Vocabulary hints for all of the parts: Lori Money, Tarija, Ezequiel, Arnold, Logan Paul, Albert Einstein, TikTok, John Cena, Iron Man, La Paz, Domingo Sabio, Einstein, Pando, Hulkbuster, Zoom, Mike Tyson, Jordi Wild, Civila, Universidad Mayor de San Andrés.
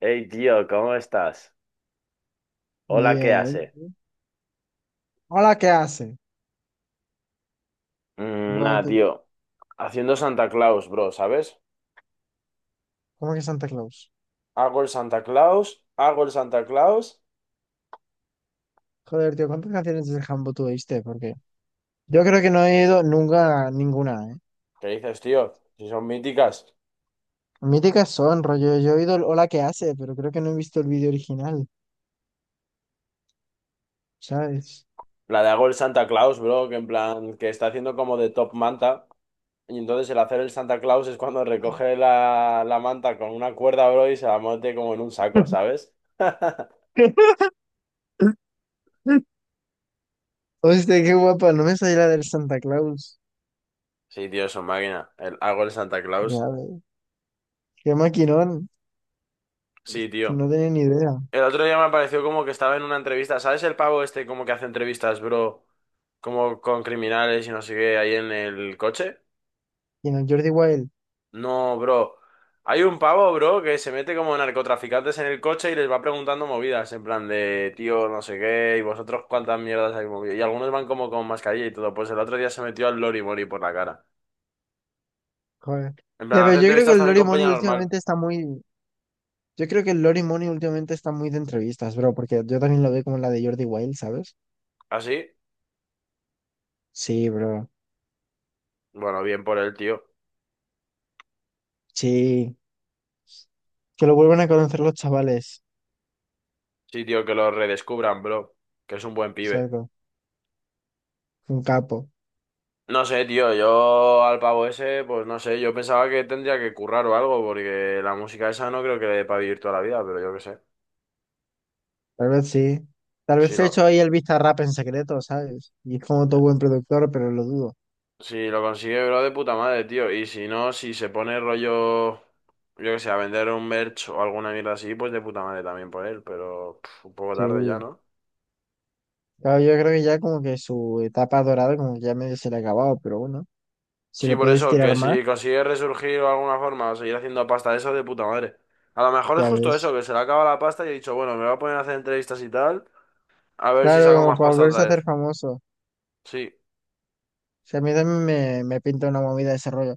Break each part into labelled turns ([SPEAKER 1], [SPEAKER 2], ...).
[SPEAKER 1] Hey, tío, ¿cómo estás? Hola, ¿qué
[SPEAKER 2] Bien.
[SPEAKER 1] hace?
[SPEAKER 2] Hola, ¿qué hace?
[SPEAKER 1] Mm,
[SPEAKER 2] Bro,
[SPEAKER 1] nada,
[SPEAKER 2] tío,
[SPEAKER 1] tío. Haciendo Santa Claus, bro, ¿sabes?
[SPEAKER 2] ¿cómo que Santa Claus?
[SPEAKER 1] Hago el Santa Claus, hago el Santa Claus.
[SPEAKER 2] Joder, tío, ¿cuántas canciones de Jambo tú oíste? Porque yo creo que no he ido nunca a ninguna, ¿eh?
[SPEAKER 1] ¿Qué dices, tío? Si son míticas.
[SPEAKER 2] Míticas son, rollo. Yo he oído el Hola, ¿qué hace? Pero creo que no he visto el vídeo original, ¿sabes?
[SPEAKER 1] La de hago el Santa Claus, bro, que en plan, que está haciendo como de top manta. Y entonces el hacer el Santa Claus es cuando recoge la manta con una cuerda, bro, y se la mete como en un saco, ¿sabes?
[SPEAKER 2] Hostia, qué guapa, no me sabía la del Santa Claus.
[SPEAKER 1] Sí, tío, es una máquina. El, hago el Santa Claus.
[SPEAKER 2] Ya ves, qué maquinón,
[SPEAKER 1] Sí, tío.
[SPEAKER 2] no tenía ni idea.
[SPEAKER 1] El otro día me pareció como que estaba en una entrevista. ¿Sabes el pavo este como que hace entrevistas, bro? Como con criminales y no sé qué, ahí en el coche.
[SPEAKER 2] Y no, el Jordi Wild,
[SPEAKER 1] No, bro. Hay un pavo, bro, que se mete como narcotraficantes en el coche y les va preguntando movidas, en plan de, tío, no sé qué, y vosotros cuántas mierdas hay movido. Y algunos van como con mascarilla y todo. Pues el otro día se metió al Lori Mori por la cara.
[SPEAKER 2] joder.
[SPEAKER 1] En
[SPEAKER 2] Ya,
[SPEAKER 1] plan,
[SPEAKER 2] pero
[SPEAKER 1] hace
[SPEAKER 2] yo creo que
[SPEAKER 1] entrevistas
[SPEAKER 2] el
[SPEAKER 1] también
[SPEAKER 2] Lori
[SPEAKER 1] con
[SPEAKER 2] Money
[SPEAKER 1] Peña normal.
[SPEAKER 2] últimamente está muy, yo creo que Lori Money últimamente está muy de entrevistas, bro, porque yo también lo veo como la de Jordi Wild, ¿sabes?
[SPEAKER 1] ¿Así?
[SPEAKER 2] Sí, bro.
[SPEAKER 1] Bueno, bien por él, tío.
[SPEAKER 2] Sí. Que lo vuelvan a conocer los chavales.
[SPEAKER 1] Sí, tío, que lo redescubran, bro. Que es un buen pibe.
[SPEAKER 2] Cerdo. Un capo.
[SPEAKER 1] No sé, tío, yo al pavo ese, pues no sé, yo pensaba que tendría que currar o algo, porque la música esa no creo que le dé para vivir toda la vida, pero yo qué sé.
[SPEAKER 2] Tal vez sí. Tal vez
[SPEAKER 1] Si
[SPEAKER 2] se ha
[SPEAKER 1] lo,
[SPEAKER 2] hecho ahí el rap en secreto, ¿sabes? Y es como todo buen productor, pero lo dudo.
[SPEAKER 1] si lo consigue, bro, de puta madre, tío. Y si no, si se pone rollo, yo qué sé, a vender un merch o alguna mierda así, pues de puta madre también por él, pero pf, un poco tarde ya,
[SPEAKER 2] Sí.
[SPEAKER 1] ¿no?
[SPEAKER 2] Claro, yo creo que ya como que su etapa dorada como que ya medio se le ha acabado, pero bueno. Si
[SPEAKER 1] Sí,
[SPEAKER 2] lo
[SPEAKER 1] por
[SPEAKER 2] puedes
[SPEAKER 1] eso,
[SPEAKER 2] tirar
[SPEAKER 1] que
[SPEAKER 2] más,
[SPEAKER 1] si consigue resurgir de alguna forma o seguir haciendo pasta, eso de puta madre. A lo mejor es
[SPEAKER 2] ya
[SPEAKER 1] justo
[SPEAKER 2] ves.
[SPEAKER 1] eso, que se le acaba la pasta y he dicho, bueno, me voy a poner a hacer entrevistas y tal, a ver si
[SPEAKER 2] Claro,
[SPEAKER 1] saco
[SPEAKER 2] como
[SPEAKER 1] más
[SPEAKER 2] para
[SPEAKER 1] pasta
[SPEAKER 2] volverse
[SPEAKER 1] otra
[SPEAKER 2] a hacer
[SPEAKER 1] vez.
[SPEAKER 2] famoso. O
[SPEAKER 1] Sí.
[SPEAKER 2] sea, a mí también me pinta una movida de ese rollo.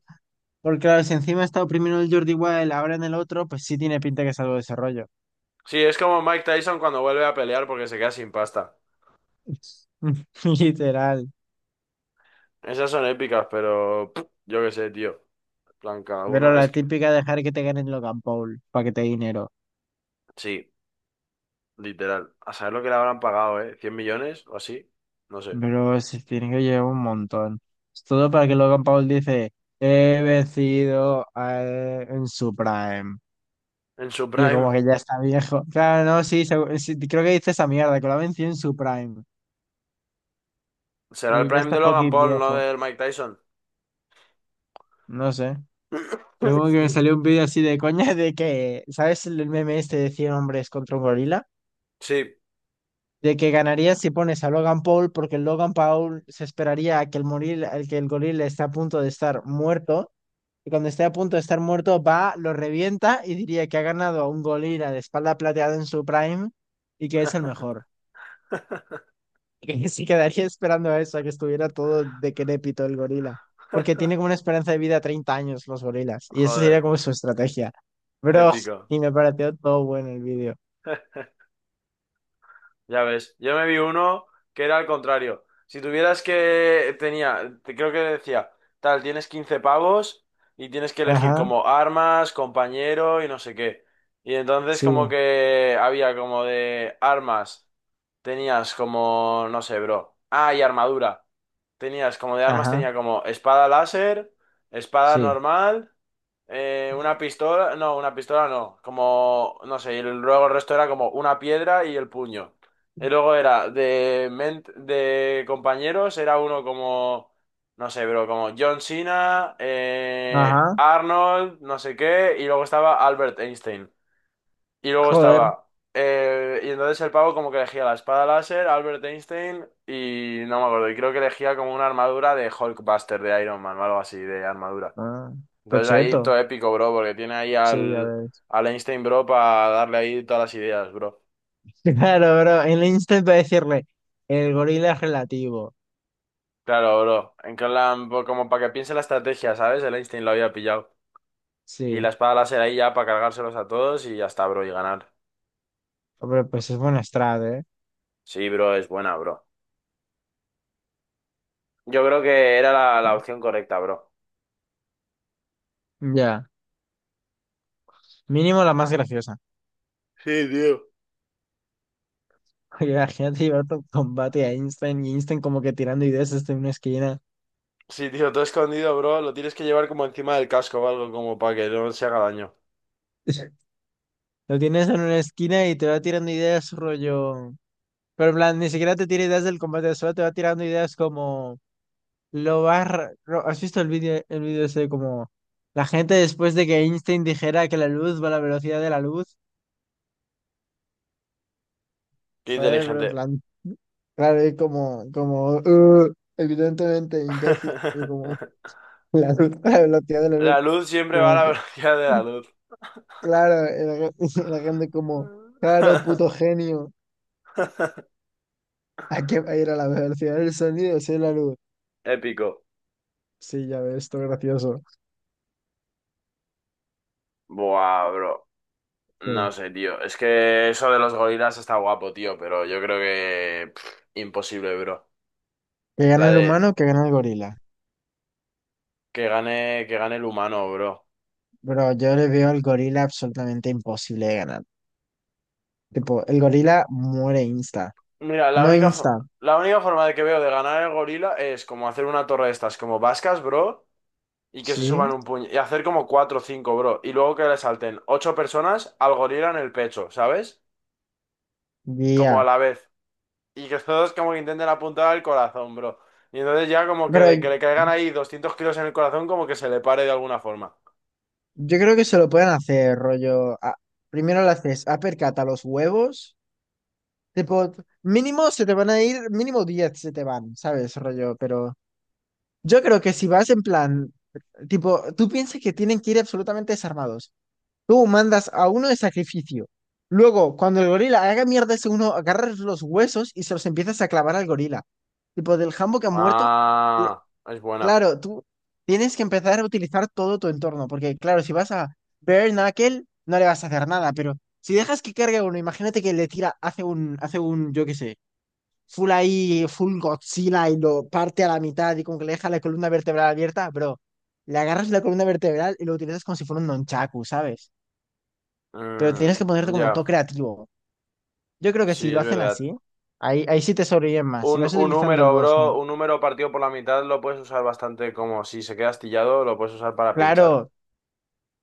[SPEAKER 2] Porque claro, si encima está oprimiendo el Jordi Wild, ahora en el otro, pues sí tiene pinta que es algo de desarrollo.
[SPEAKER 1] Sí, es como Mike Tyson cuando vuelve a pelear porque se queda sin pasta.
[SPEAKER 2] Literal.
[SPEAKER 1] Esas son épicas, pero pff, yo qué sé, tío. En plan, cada
[SPEAKER 2] Pero
[SPEAKER 1] uno. Es
[SPEAKER 2] la
[SPEAKER 1] que,
[SPEAKER 2] típica dejar que te ganen Logan Paul para que te dé dinero.
[SPEAKER 1] sí, literal. A saber lo que le habrán pagado, ¿eh? ¿100 millones o así? No sé.
[SPEAKER 2] Pero se tiene que llevar un montón. Es todo para que Logan Paul dice, he vencido en su prime.
[SPEAKER 1] En su
[SPEAKER 2] Y como
[SPEAKER 1] prime.
[SPEAKER 2] que ya está viejo. Claro, no, sí, sí, creo que dice esa mierda, que lo ha vencido en su prime.
[SPEAKER 1] Será el
[SPEAKER 2] Y ya
[SPEAKER 1] prime
[SPEAKER 2] está
[SPEAKER 1] de Logan
[SPEAKER 2] fucking
[SPEAKER 1] Paul, no
[SPEAKER 2] viejo.
[SPEAKER 1] del Mike Tyson.
[SPEAKER 2] No sé. Yo como que me salió un vídeo así de coña de que, ¿sabes el meme este de 100 hombres contra un gorila?
[SPEAKER 1] Sí,
[SPEAKER 2] De que ganarías si pones a Logan Paul porque el Logan Paul se esperaría a que al que el gorila está a punto de estar muerto y cuando esté a punto de estar muerto va, lo revienta y diría que ha ganado a un gorila de espalda plateada en su prime y que es el mejor. Que sí quedaría esperando a eso, a que estuviera todo decrépito el gorila. Porque tiene como una esperanza de vida de 30 años los gorilas. Y eso sería
[SPEAKER 1] joder,
[SPEAKER 2] como su estrategia. Bro,
[SPEAKER 1] épico.
[SPEAKER 2] y me pareció todo bueno el vídeo.
[SPEAKER 1] Ya ves, yo me vi uno que era al contrario. Si tuvieras que, tenía, creo que decía, tal, tienes 15 pavos y tienes que elegir
[SPEAKER 2] Ajá,
[SPEAKER 1] como armas, compañero y no sé qué. Y entonces
[SPEAKER 2] sí,
[SPEAKER 1] como que había como de armas. Tenías como, no sé, bro. Ah, y armadura. Tenías como de armas,
[SPEAKER 2] ajá,
[SPEAKER 1] tenía como espada láser, espada
[SPEAKER 2] sí,
[SPEAKER 1] normal, una pistola no, como, no sé, y luego el resto era como una piedra y el puño. Y luego era de, de compañeros, era uno como, no sé, bro, como John Cena,
[SPEAKER 2] ajá,
[SPEAKER 1] Arnold, no sé qué, y luego estaba Albert Einstein. Y luego
[SPEAKER 2] joder,
[SPEAKER 1] estaba. Eh, y entonces el pavo como que elegía la espada láser, Albert Einstein y no me acuerdo. Y creo que elegía como una armadura de Hulkbuster, de Iron Man o algo así, de armadura.
[SPEAKER 2] ah,
[SPEAKER 1] Entonces ahí
[SPEAKER 2] cocheto,
[SPEAKER 1] todo épico, bro, porque tiene ahí
[SPEAKER 2] sí, ya
[SPEAKER 1] al,
[SPEAKER 2] ves.
[SPEAKER 1] al Einstein, bro, para darle ahí todas las ideas, bro.
[SPEAKER 2] Claro, bro, en el instant para decirle, el gorila es relativo,
[SPEAKER 1] Claro, bro. En plan, como para que piense la estrategia, ¿sabes? El Einstein lo había pillado. Y la
[SPEAKER 2] sí,
[SPEAKER 1] espada láser ahí ya para cargárselos a todos y ya está, bro, y ganar.
[SPEAKER 2] hombre, pues es buena strat, ¿eh?
[SPEAKER 1] Sí, bro, es buena, bro. Yo creo que era la opción correcta, bro.
[SPEAKER 2] Ya, mínimo la más graciosa.
[SPEAKER 1] Sí, tío.
[SPEAKER 2] Oye, imagínate llevar tu combate a Einstein y Einstein como que tirando ideas hasta en una esquina.
[SPEAKER 1] Sí, tío, todo escondido, bro. Lo tienes que llevar como encima del casco o algo, como para que no se haga daño.
[SPEAKER 2] Lo tienes en una esquina y te va tirando ideas, rollo. Pero en plan, ni siquiera te tira ideas del combate, solo te va tirando ideas como lo vas. ¿Has visto el vídeo ese como la gente después de que Einstein dijera que la luz va a la velocidad de la luz?
[SPEAKER 1] Qué
[SPEAKER 2] ¿Sabes? Pero en
[SPEAKER 1] inteligente.
[SPEAKER 2] plan, claro, y evidentemente, imbécil", y como la luz, la velocidad de la luz,
[SPEAKER 1] La luz siempre va a
[SPEAKER 2] como
[SPEAKER 1] la
[SPEAKER 2] que.
[SPEAKER 1] velocidad de la luz.
[SPEAKER 2] Claro, el la gente como, claro, puto genio, hay que ir a la velocidad del sonido, sí, la luz.
[SPEAKER 1] Épico.
[SPEAKER 2] Sí, ya ves, esto es gracioso.
[SPEAKER 1] Buah, bro.
[SPEAKER 2] Que,
[SPEAKER 1] No sé, tío. Es que eso de los gorilas está guapo, tío, pero yo creo que pff, imposible, bro.
[SPEAKER 2] que gane
[SPEAKER 1] La
[SPEAKER 2] el
[SPEAKER 1] de
[SPEAKER 2] humano, que gane el gorila.
[SPEAKER 1] que gane el humano, bro.
[SPEAKER 2] Pero yo le veo al gorila absolutamente imposible de ganar. Tipo, el gorila muere insta.
[SPEAKER 1] Mira, la
[SPEAKER 2] No
[SPEAKER 1] única,
[SPEAKER 2] insta,
[SPEAKER 1] la única forma de que veo de ganar el gorila es como hacer una torre de estas como vascas, bro. Y que se
[SPEAKER 2] ¿sí?
[SPEAKER 1] suban un puño. Y hacer como cuatro o cinco, bro. Y luego que le salten ocho personas al gorila en el pecho, ¿sabes? Como a
[SPEAKER 2] Guía.
[SPEAKER 1] la vez. Y que todos como que intenten apuntar al corazón, bro. Y entonces ya como que,
[SPEAKER 2] Pero
[SPEAKER 1] de que le caigan ahí 200 kilos en el corazón, como que se le pare de alguna forma.
[SPEAKER 2] yo creo que se lo pueden hacer, rollo. Primero le haces uppercut a los huevos. Tipo, mínimo se te van a ir, mínimo 10 se te van, ¿sabes? Rollo, pero yo creo que si vas en plan, tipo, tú piensas que tienen que ir absolutamente desarmados. Tú mandas a uno de sacrificio. Luego, cuando el gorila haga mierda ese uno, agarras los huesos y se los empiezas a clavar al gorila. Tipo, del jambo que ha muerto, le-
[SPEAKER 1] Ah, es buena.
[SPEAKER 2] claro, tú tienes que empezar a utilizar todo tu entorno. Porque, claro, si vas a Bare Knuckle, no le vas a hacer nada. Pero si dejas que cargue a uno, imagínate que le tira, hace un, yo qué sé, full ahí, full Godzilla y lo parte a la mitad y como que le deja la columna vertebral abierta, bro. Le agarras la columna vertebral y lo utilizas como si fuera un nonchaku, ¿sabes? Pero
[SPEAKER 1] Mm,
[SPEAKER 2] tienes que ponerte como todo
[SPEAKER 1] ya,
[SPEAKER 2] creativo. Yo creo que si
[SPEAKER 1] sí,
[SPEAKER 2] lo
[SPEAKER 1] es
[SPEAKER 2] hacen
[SPEAKER 1] verdad.
[SPEAKER 2] así, ahí, ahí sí te sobreviven más. Si
[SPEAKER 1] Un,
[SPEAKER 2] vas
[SPEAKER 1] un
[SPEAKER 2] utilizando
[SPEAKER 1] número, bro,
[SPEAKER 2] los...
[SPEAKER 1] un número partido por la mitad lo puedes usar bastante como si se queda astillado, lo puedes usar para pinchar.
[SPEAKER 2] Claro,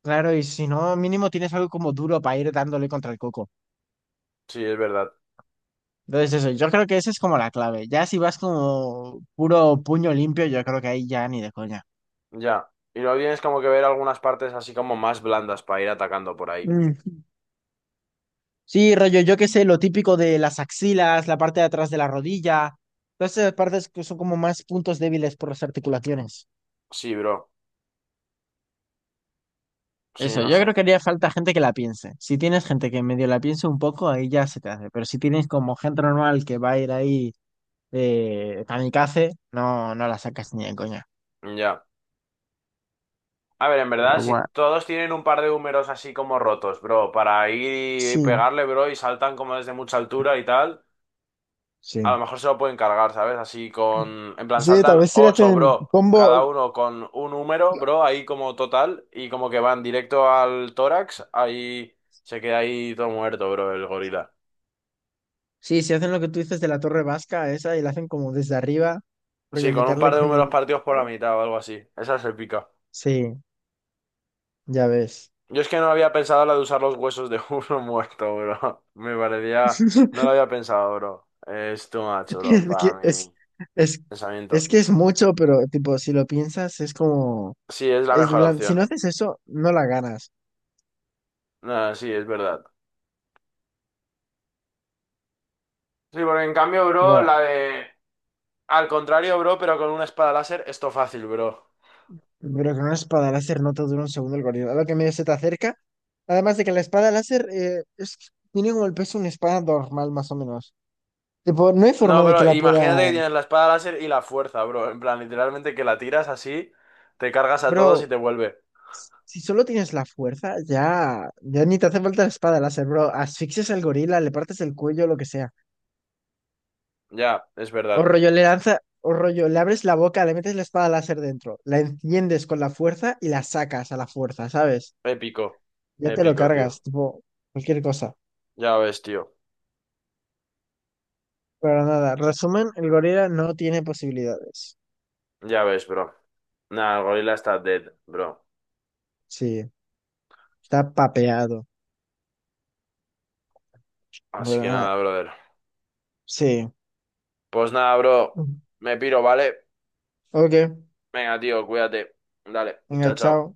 [SPEAKER 2] claro, y si no, mínimo tienes algo como duro para ir dándole contra el coco.
[SPEAKER 1] Sí, es verdad.
[SPEAKER 2] Entonces eso, yo creo que esa es como la clave. Ya si vas como puro puño limpio, yo creo que ahí ya ni de coña.
[SPEAKER 1] Ya. Y luego tienes como que ver algunas partes así como más blandas para ir atacando por ahí.
[SPEAKER 2] Sí, rollo, yo qué sé, lo típico de las axilas, la parte de atrás de la rodilla, todas esas partes que son como más puntos débiles por las articulaciones.
[SPEAKER 1] Sí, bro. Sí,
[SPEAKER 2] Eso,
[SPEAKER 1] no
[SPEAKER 2] yo
[SPEAKER 1] sé.
[SPEAKER 2] creo que haría falta gente que la piense. Si tienes gente que medio la piense un poco, ahí ya se te hace. Pero si tienes como gente normal que va a ir ahí kamikaze, no, no la sacas ni de coña.
[SPEAKER 1] Ya. A ver, en verdad,
[SPEAKER 2] Pero
[SPEAKER 1] si
[SPEAKER 2] bueno,
[SPEAKER 1] todos tienen un par de húmeros así como rotos, bro, para ir y
[SPEAKER 2] sí,
[SPEAKER 1] pegarle, bro, y saltan como desde mucha altura y tal, a
[SPEAKER 2] sí.
[SPEAKER 1] lo mejor se lo pueden cargar, ¿sabes? Así con... En plan,
[SPEAKER 2] Sí, tal
[SPEAKER 1] saltan
[SPEAKER 2] vez si le
[SPEAKER 1] ocho,
[SPEAKER 2] hacen
[SPEAKER 1] bro, cada
[SPEAKER 2] combo.
[SPEAKER 1] uno con un húmero, bro, ahí como total, y como que van directo al tórax, ahí se queda ahí todo muerto, bro, el gorila.
[SPEAKER 2] Sí, si hacen lo que tú dices de la torre vasca, esa, y la hacen como desde arriba, rollo
[SPEAKER 1] Sí, con un
[SPEAKER 2] meterle
[SPEAKER 1] par de
[SPEAKER 2] con
[SPEAKER 1] números
[SPEAKER 2] el.
[SPEAKER 1] partidos por la mitad o algo así. Esa se pica.
[SPEAKER 2] Sí. Ya ves.
[SPEAKER 1] Yo es que no había pensado la de usar los huesos de uno muerto, bro. Me parecía... No lo había pensado, bro. Es too much, bro,
[SPEAKER 2] Es
[SPEAKER 1] para
[SPEAKER 2] que es,
[SPEAKER 1] mi
[SPEAKER 2] es, es
[SPEAKER 1] pensamiento.
[SPEAKER 2] que es mucho, pero tipo, si lo piensas, es como,
[SPEAKER 1] Sí, es la mejor
[SPEAKER 2] si no
[SPEAKER 1] opción.
[SPEAKER 2] haces eso, no la ganas.
[SPEAKER 1] No, sí, es verdad. Sí, porque en cambio, bro,
[SPEAKER 2] Wow.
[SPEAKER 1] la de... Al contrario, bro, pero con una espada láser, esto fácil, bro.
[SPEAKER 2] Pero con una espada láser no te dura un segundo el gorila. A lo que medio se te acerca. Además de que la espada láser es, tiene como el peso de una espada normal, más o menos. Tipo, no hay
[SPEAKER 1] No,
[SPEAKER 2] forma de que
[SPEAKER 1] bro,
[SPEAKER 2] la
[SPEAKER 1] imagínate que tienes
[SPEAKER 2] puedas.
[SPEAKER 1] la espada láser y la fuerza, bro. En plan, literalmente que la tiras así, te cargas a todos y
[SPEAKER 2] Bro,
[SPEAKER 1] te vuelve.
[SPEAKER 2] si solo tienes la fuerza, ya, ya ni te hace falta la espada láser, bro. Asfixias al gorila, le partes el cuello, lo que sea.
[SPEAKER 1] Ya, es
[SPEAKER 2] O
[SPEAKER 1] verdad.
[SPEAKER 2] rollo, le lanza, o rollo, le abres la boca, le metes la espada láser dentro, la enciendes con la fuerza y la sacas a la fuerza, ¿sabes?
[SPEAKER 1] Épico,
[SPEAKER 2] Ya te lo
[SPEAKER 1] épico, tío.
[SPEAKER 2] cargas, tipo, cualquier cosa.
[SPEAKER 1] Ya ves, tío.
[SPEAKER 2] Pero nada, resumen, el gorila no tiene posibilidades.
[SPEAKER 1] Ya ves, bro. Nada, el gorila está dead, bro.
[SPEAKER 2] Sí, está papeado. Pero
[SPEAKER 1] Así que
[SPEAKER 2] nada,
[SPEAKER 1] nada, brother.
[SPEAKER 2] sí.
[SPEAKER 1] Pues nada, bro. Me piro, ¿vale?
[SPEAKER 2] Ok,
[SPEAKER 1] Venga, tío, cuídate. Dale,
[SPEAKER 2] venga,
[SPEAKER 1] chao, chao.
[SPEAKER 2] chao.